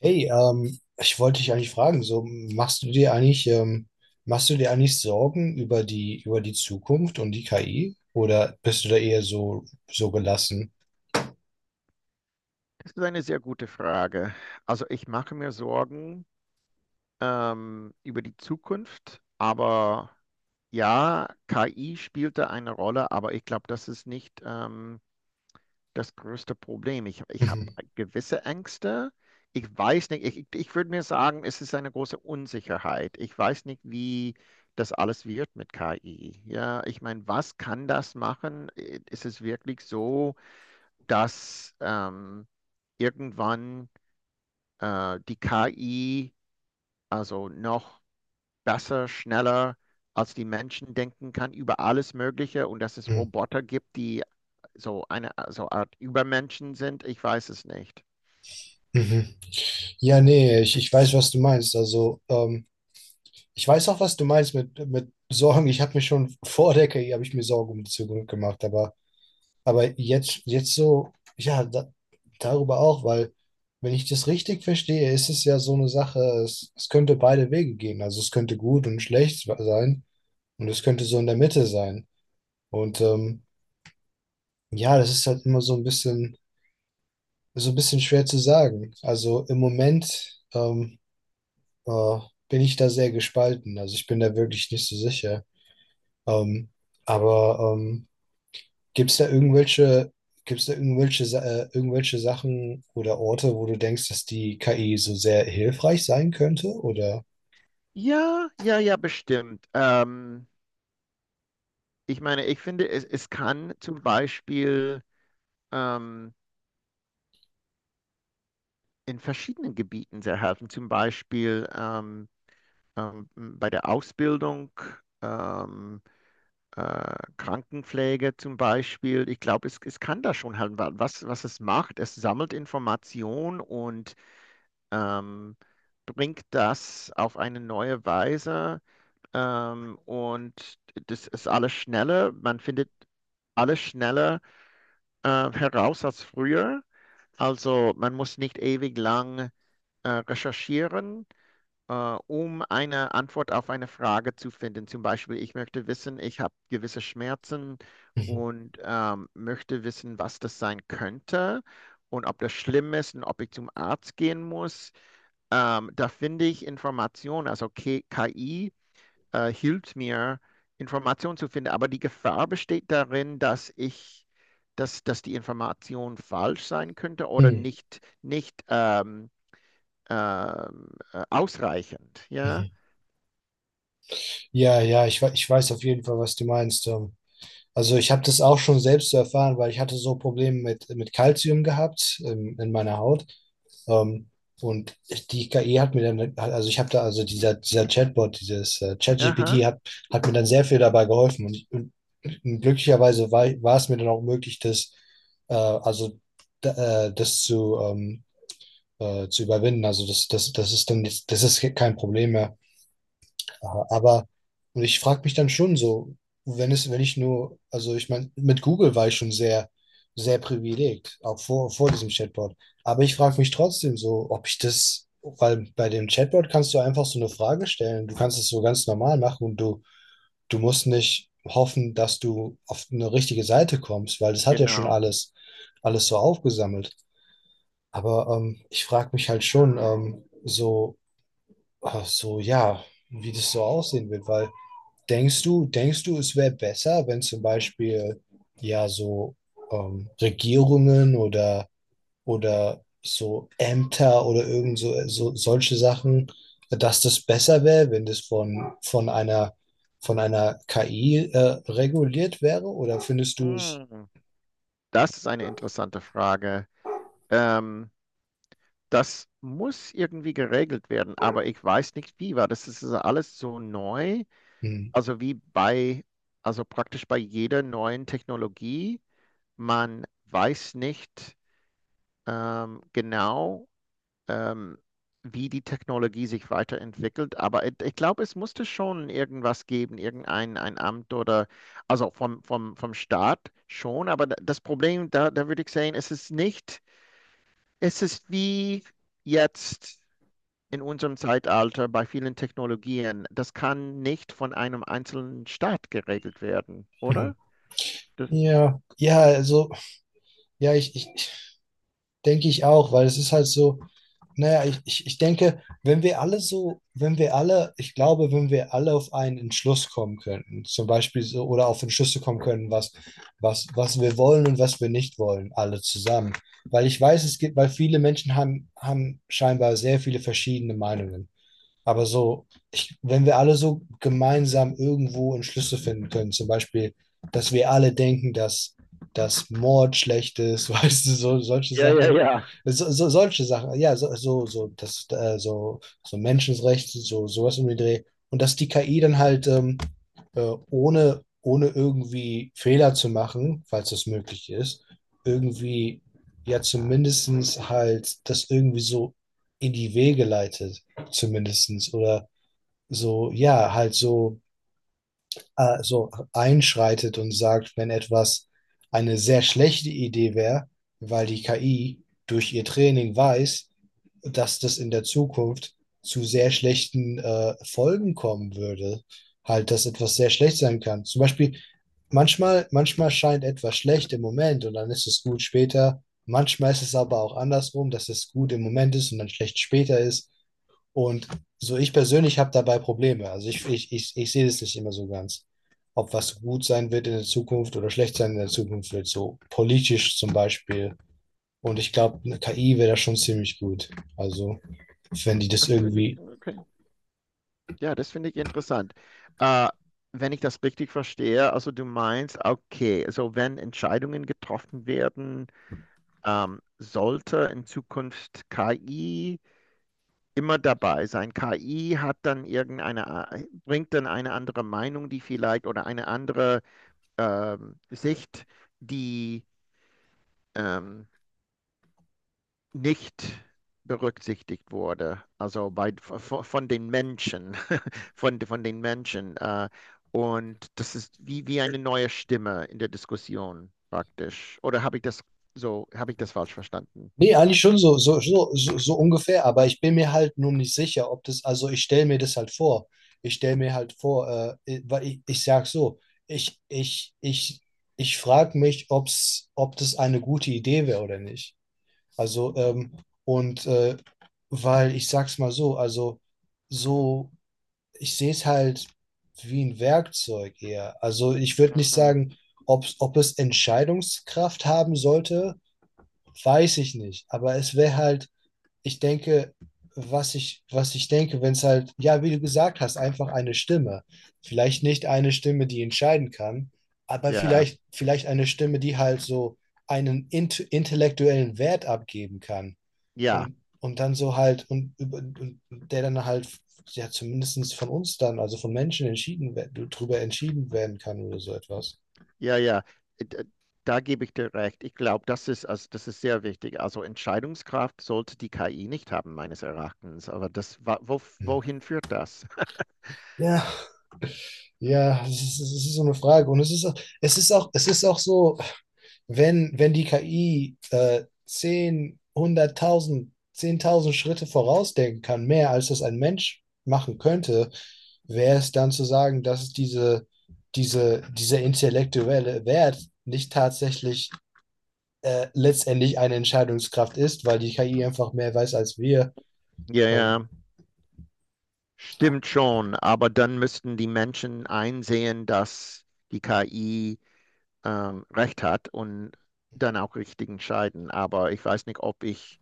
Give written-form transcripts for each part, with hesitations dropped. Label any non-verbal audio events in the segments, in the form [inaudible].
Hey, ich wollte dich eigentlich fragen, so machst du dir eigentlich, ähm, machst du dir eigentlich Sorgen über die Zukunft und die KI? Oder bist du da eher so, so gelassen? Das ist eine sehr gute Frage. Also ich mache mir Sorgen über die Zukunft, aber ja, KI spielt da eine Rolle, aber ich glaube, das ist nicht das größte Problem. Ich habe Mhm. gewisse Ängste. Ich weiß nicht, ich würde mir sagen, es ist eine große Unsicherheit. Ich weiß nicht, wie das alles wird mit KI. Ja, ich meine, was kann das machen? Ist es wirklich so, dass irgendwann die KI also noch besser, schneller als die Menschen denken kann über alles Mögliche und dass es Mhm. Roboter gibt, die so eine so Art Übermenschen sind, ich weiß es nicht. Mhm. Ja, nee, ich weiß, was du meinst. Also, ich weiß auch, was du meinst mit Sorgen. Ich habe mir schon vor der KI habe ich mir Sorgen um die Zukunft gemacht, aber jetzt, jetzt so, ja, da, darüber auch, weil wenn ich das richtig verstehe, ist es ja so eine Sache, es könnte beide Wege gehen. Also es könnte gut und schlecht sein und es könnte so in der Mitte sein. Und ja, das ist halt immer so ein bisschen schwer zu sagen. Also im Moment äh, bin ich da sehr gespalten. Also ich bin da wirklich nicht so sicher. Ähm, aber ähm, gibt es da irgendwelche, gibt's da irgendwelche, Sa- irgendwelche Sachen oder Orte, wo du denkst, dass die KI so sehr hilfreich sein könnte? Oder? Ja, ja, ja, bestimmt. Ich meine, ich finde, es kann zum Beispiel ähm, in verschiedenen Gebieten sehr helfen, zum Beispiel bei der Ausbildung. Ähm, Krankenpflege zum Beispiel. Ich glaube, es kann da schon halt was es macht. Es sammelt Information und ähm, bringt das auf eine neue Weise. Und das ist alles schneller. Man findet alles schneller heraus als früher. Also man muss nicht ewig lang recherchieren, äh, um eine Antwort auf eine Frage zu finden. Zum Beispiel, ich möchte wissen, ich habe gewisse Schmerzen Mhm. und möchte wissen, was das sein könnte und ob das schlimm ist und ob ich zum Arzt gehen muss. Da finde ich Informationen, also KI hilft mir, Informationen zu finden, aber die Gefahr besteht darin, dass die Information falsch sein könnte oder Mhm. nicht ausreichend. Ja? Mhm. Ja, ja, ich weiß auf jeden Fall, was du meinst. Also ich habe das auch schon selbst zu erfahren, weil ich hatte so Probleme mit Kalzium gehabt in meiner Haut. Ähm, und die KI hat mir dann, hat- also ich habe da, also dieser, dieser Chatbot, dieses ChatGPT Aha, hat mir dann sehr viel dabei geholfen. Und, glücklicherweise war es mir dann auch möglich, äh, also, das zu zu überwinden. Also das ist dann, das ist kein Problem mehr. Ja, aber und ich frage mich dann schon so, wenn ich nur, also ich meine, mit Google war ich schon sehr, sehr privilegiert, auch vor diesem Chatbot. Aber ich frage mich trotzdem so, ob ich das, weil bei dem Chatbot kannst du einfach so eine Frage stellen. Du kannst es so ganz normal machen und du musst nicht hoffen, dass du auf eine richtige Seite kommst, weil das hat ja schon genau. alles, alles so aufgesammelt. Aber ich frage mich halt schon ja, wie das so aussehen wird, weil denkst du, es wäre besser, wenn zum Beispiel ja so Regierungen oder so Ämter oder irgend so, so solche Sachen, dass das besser wäre, wenn das von einer KI reguliert wäre? Oder findest du es? Hm, das ist eine interessante Frage. Ähm, Das muss irgendwie geregelt werden, aber ich weiß nicht wie, weil das ist ja alles so neu. Hm. Also wie bei, also praktisch bei jeder neuen Technologie, man weiß nicht genau, ähm, wie die Technologie sich weiterentwickelt. Aber ich glaube, es musste schon irgendwas geben, irgendein ein Amt oder, also vom Staat schon. Aber das Problem, da würde ich sagen, es ist nicht, es ist wie jetzt in unserem Zeitalter bei vielen Technologien. Das kann nicht von einem einzelnen Staat geregelt werden, oder? Das, Ja, ja, also, ja, denke ich auch, weil es ist halt so, naja, ich denke, wenn wir alle so, wenn wir alle, ich glaube, wenn wir alle auf einen Entschluss kommen könnten, zum Beispiel so, oder auf Entschlüsse kommen können, was wir wollen und was wir nicht wollen, alle zusammen. Weil ich weiß, es gibt, weil viele Menschen haben, haben scheinbar sehr viele verschiedene Meinungen. Aber so, ich, wenn wir alle so gemeinsam irgendwo einen Schlüssel finden können, zum Beispiel, dass wir alle denken, dass Mord schlecht ist, [laughs] weißt du, so, solche Ja, ja, Sachen, ja. so, so, solche Sachen, ja, so, so, so, das, so, so Menschenrechte, so, sowas um den Dreh. Und dass die KI dann halt ohne, ohne irgendwie Fehler zu machen, falls das möglich ist, irgendwie ja zumindestens halt das irgendwie so in die Wege leitet zumindestens oder so, ja, halt so, so einschreitet und sagt, wenn etwas eine sehr schlechte Idee wäre, weil die KI durch ihr Training weiß, dass das in der Zukunft zu sehr schlechten Folgen kommen würde. Halt, dass etwas sehr schlecht sein kann. Zum Beispiel, manchmal scheint etwas schlecht im Moment und dann ist es gut später. Manchmal ist es aber auch andersrum, dass es gut im Moment ist und dann schlecht später ist. Und so ich persönlich habe dabei Probleme. Also ich sehe das nicht immer so ganz. Ob was gut sein wird in der Zukunft oder schlecht sein in der Zukunft wird, so politisch zum Beispiel. Und ich glaube, eine KI wäre da schon ziemlich gut. Also, wenn die das Das finde ich, irgendwie. okay. Ja, das finde ich interessant. Äh, Wenn ich das richtig verstehe, also du meinst, okay, also wenn Entscheidungen getroffen werden, sollte in Zukunft KI immer dabei sein. KI hat dann bringt dann eine andere Meinung, die vielleicht, oder eine andere Sicht, die ähm, nicht berücksichtigt wurde, also bei, von, den Menschen, [laughs] von den Menschen. Und das ist wie eine neue Stimme in der Diskussion praktisch. Oder habe ich das falsch verstanden? Nee, eigentlich schon so, so, so, so, so ungefähr, aber ich bin mir halt nur nicht sicher, ob das, also ich stelle mir das halt vor. Ich stelle mir halt vor, weil ich sag so, ich, ich, ich, ich frage mich, ob das eine gute Idee wäre oder nicht. Also, und äh, weil ich sag's mal so, also so, ich sehe es halt wie ein Werkzeug eher. Also ich würde nicht Mhm. sagen, ob es Entscheidungskraft haben sollte, weiß ich nicht. Aber es wäre halt, ich denke, was ich denke, wenn es halt, ja, wie du gesagt hast, einfach eine Stimme. Vielleicht nicht eine Stimme, die entscheiden kann, aber Ja, vielleicht eine Stimme, die halt so einen intellektuellen Wert abgeben kann. ja, Und dann so halt, und, und der dann halt, ja, zumindest von uns dann, also von Menschen entschieden, drüber entschieden werden kann oder so etwas. ja, ja. Da gebe ich dir recht. Ich glaube, das ist sehr wichtig. Also Entscheidungskraft sollte die KI nicht haben, meines Erachtens. Aber Hm. wohin führt das? [laughs] Ja, ja, es ist so eine Frage. Und es ist, es ist auch so, wenn die KI 10, 100.000, 10.000 Schritte vorausdenken kann, mehr als das ein Mensch machen könnte, wäre es dann zu sagen, dass es dieser intellektuelle Wert nicht tatsächlich letztendlich eine Entscheidungskraft ist, weil die KI einfach mehr weiß als wir. Ja, Ähm, ja. Stimmt schon, aber dann müssten die Menschen einsehen, dass die KI recht hat und dann auch richtig entscheiden. Aber ich weiß nicht, ob ich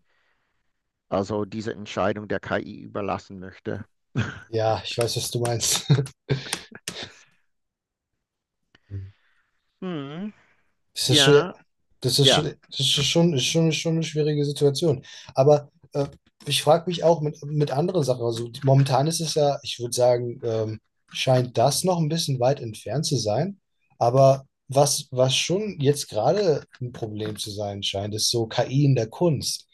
also diese Entscheidung der KI überlassen möchte. ja, ich weiß, was du meinst. [laughs] Hm, Das ist schwer. ja, Das ist, ja, das ist schon, ist schon eine schwierige Situation. Aber ich frage mich auch mit anderen Sachen. Also momentan ist es ja, ich würde sagen, scheint das noch ein bisschen weit entfernt zu sein. Aber was schon jetzt gerade ein Problem zu sein scheint, ist so KI in der Kunst.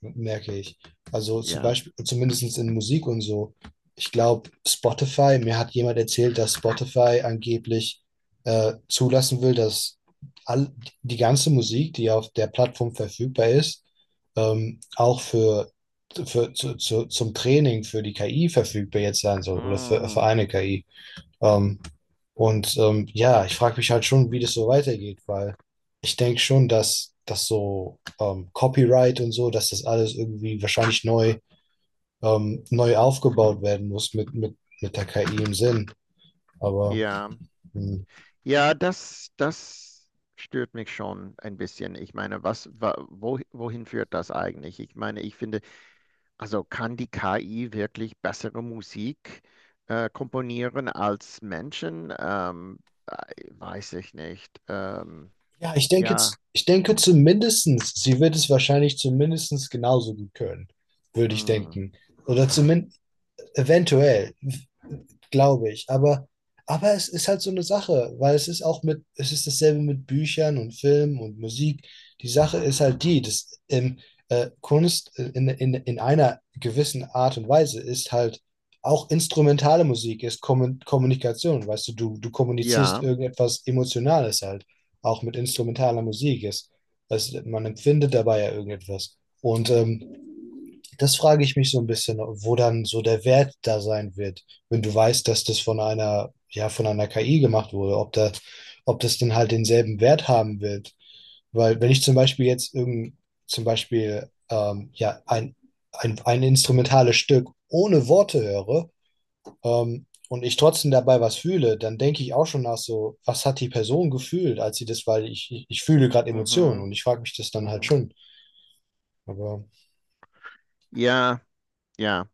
Merke ich. Also zum ja. Beispiel, zumindest in Musik und so. Ich glaube, Spotify, mir hat jemand erzählt, dass Spotify angeblich zulassen will, dass all, die ganze Musik, die auf der Plattform verfügbar ist, auch für, zum Training für die KI verfügbar jetzt sein soll oder für Mm, eine KI. Ähm, ja, ich frage mich halt schon, wie das so weitergeht, weil ich denke schon, dass das so Copyright und so, dass das alles irgendwie wahrscheinlich neu, neu aufgebaut werden muss mit, mit der KI im Sinn. Aber ja, hm, ja, das stört mich schon ein bisschen. Ich meine, wohin führt das eigentlich? Ich meine, ich finde also kann die KI wirklich bessere Musik komponieren als Menschen? Weiß ich nicht. Ja, ich denke, Ja, ich denke zumindestens, sie wird es wahrscheinlich zumindestens genauso gut können, würde ich mm, denken. Oder zumindest eventuell. Glaube ich. Aber es ist halt so eine Sache, weil es ist auch mit, es ist dasselbe mit Büchern und Filmen und Musik. Die Sache ist halt die, dass Kunst in, in einer gewissen Art und Weise ist halt auch instrumentale Musik, ist Kommunikation. Weißt du, du kommunizierst ja, irgendetwas Emotionales halt, auch mit instrumentaler Musik ist. Also man empfindet dabei ja irgendetwas. Und das frage ich mich so ein bisschen, wo dann so der Wert da sein wird, wenn du weißt, dass das von einer, ja, von einer KI gemacht wurde, ob da, ob das dann halt denselben Wert haben wird. Weil wenn ich zum Beispiel jetzt irgend, zum Beispiel ja, ein, ein instrumentales Stück ohne Worte höre und ich trotzdem dabei was fühle, dann denke ich auch schon nach so, was hat die Person gefühlt, als sie das, weil ich fühle gerade Emotionen mhm, und ich frage mich das dann halt mhm. schon. Aber Ja, ja.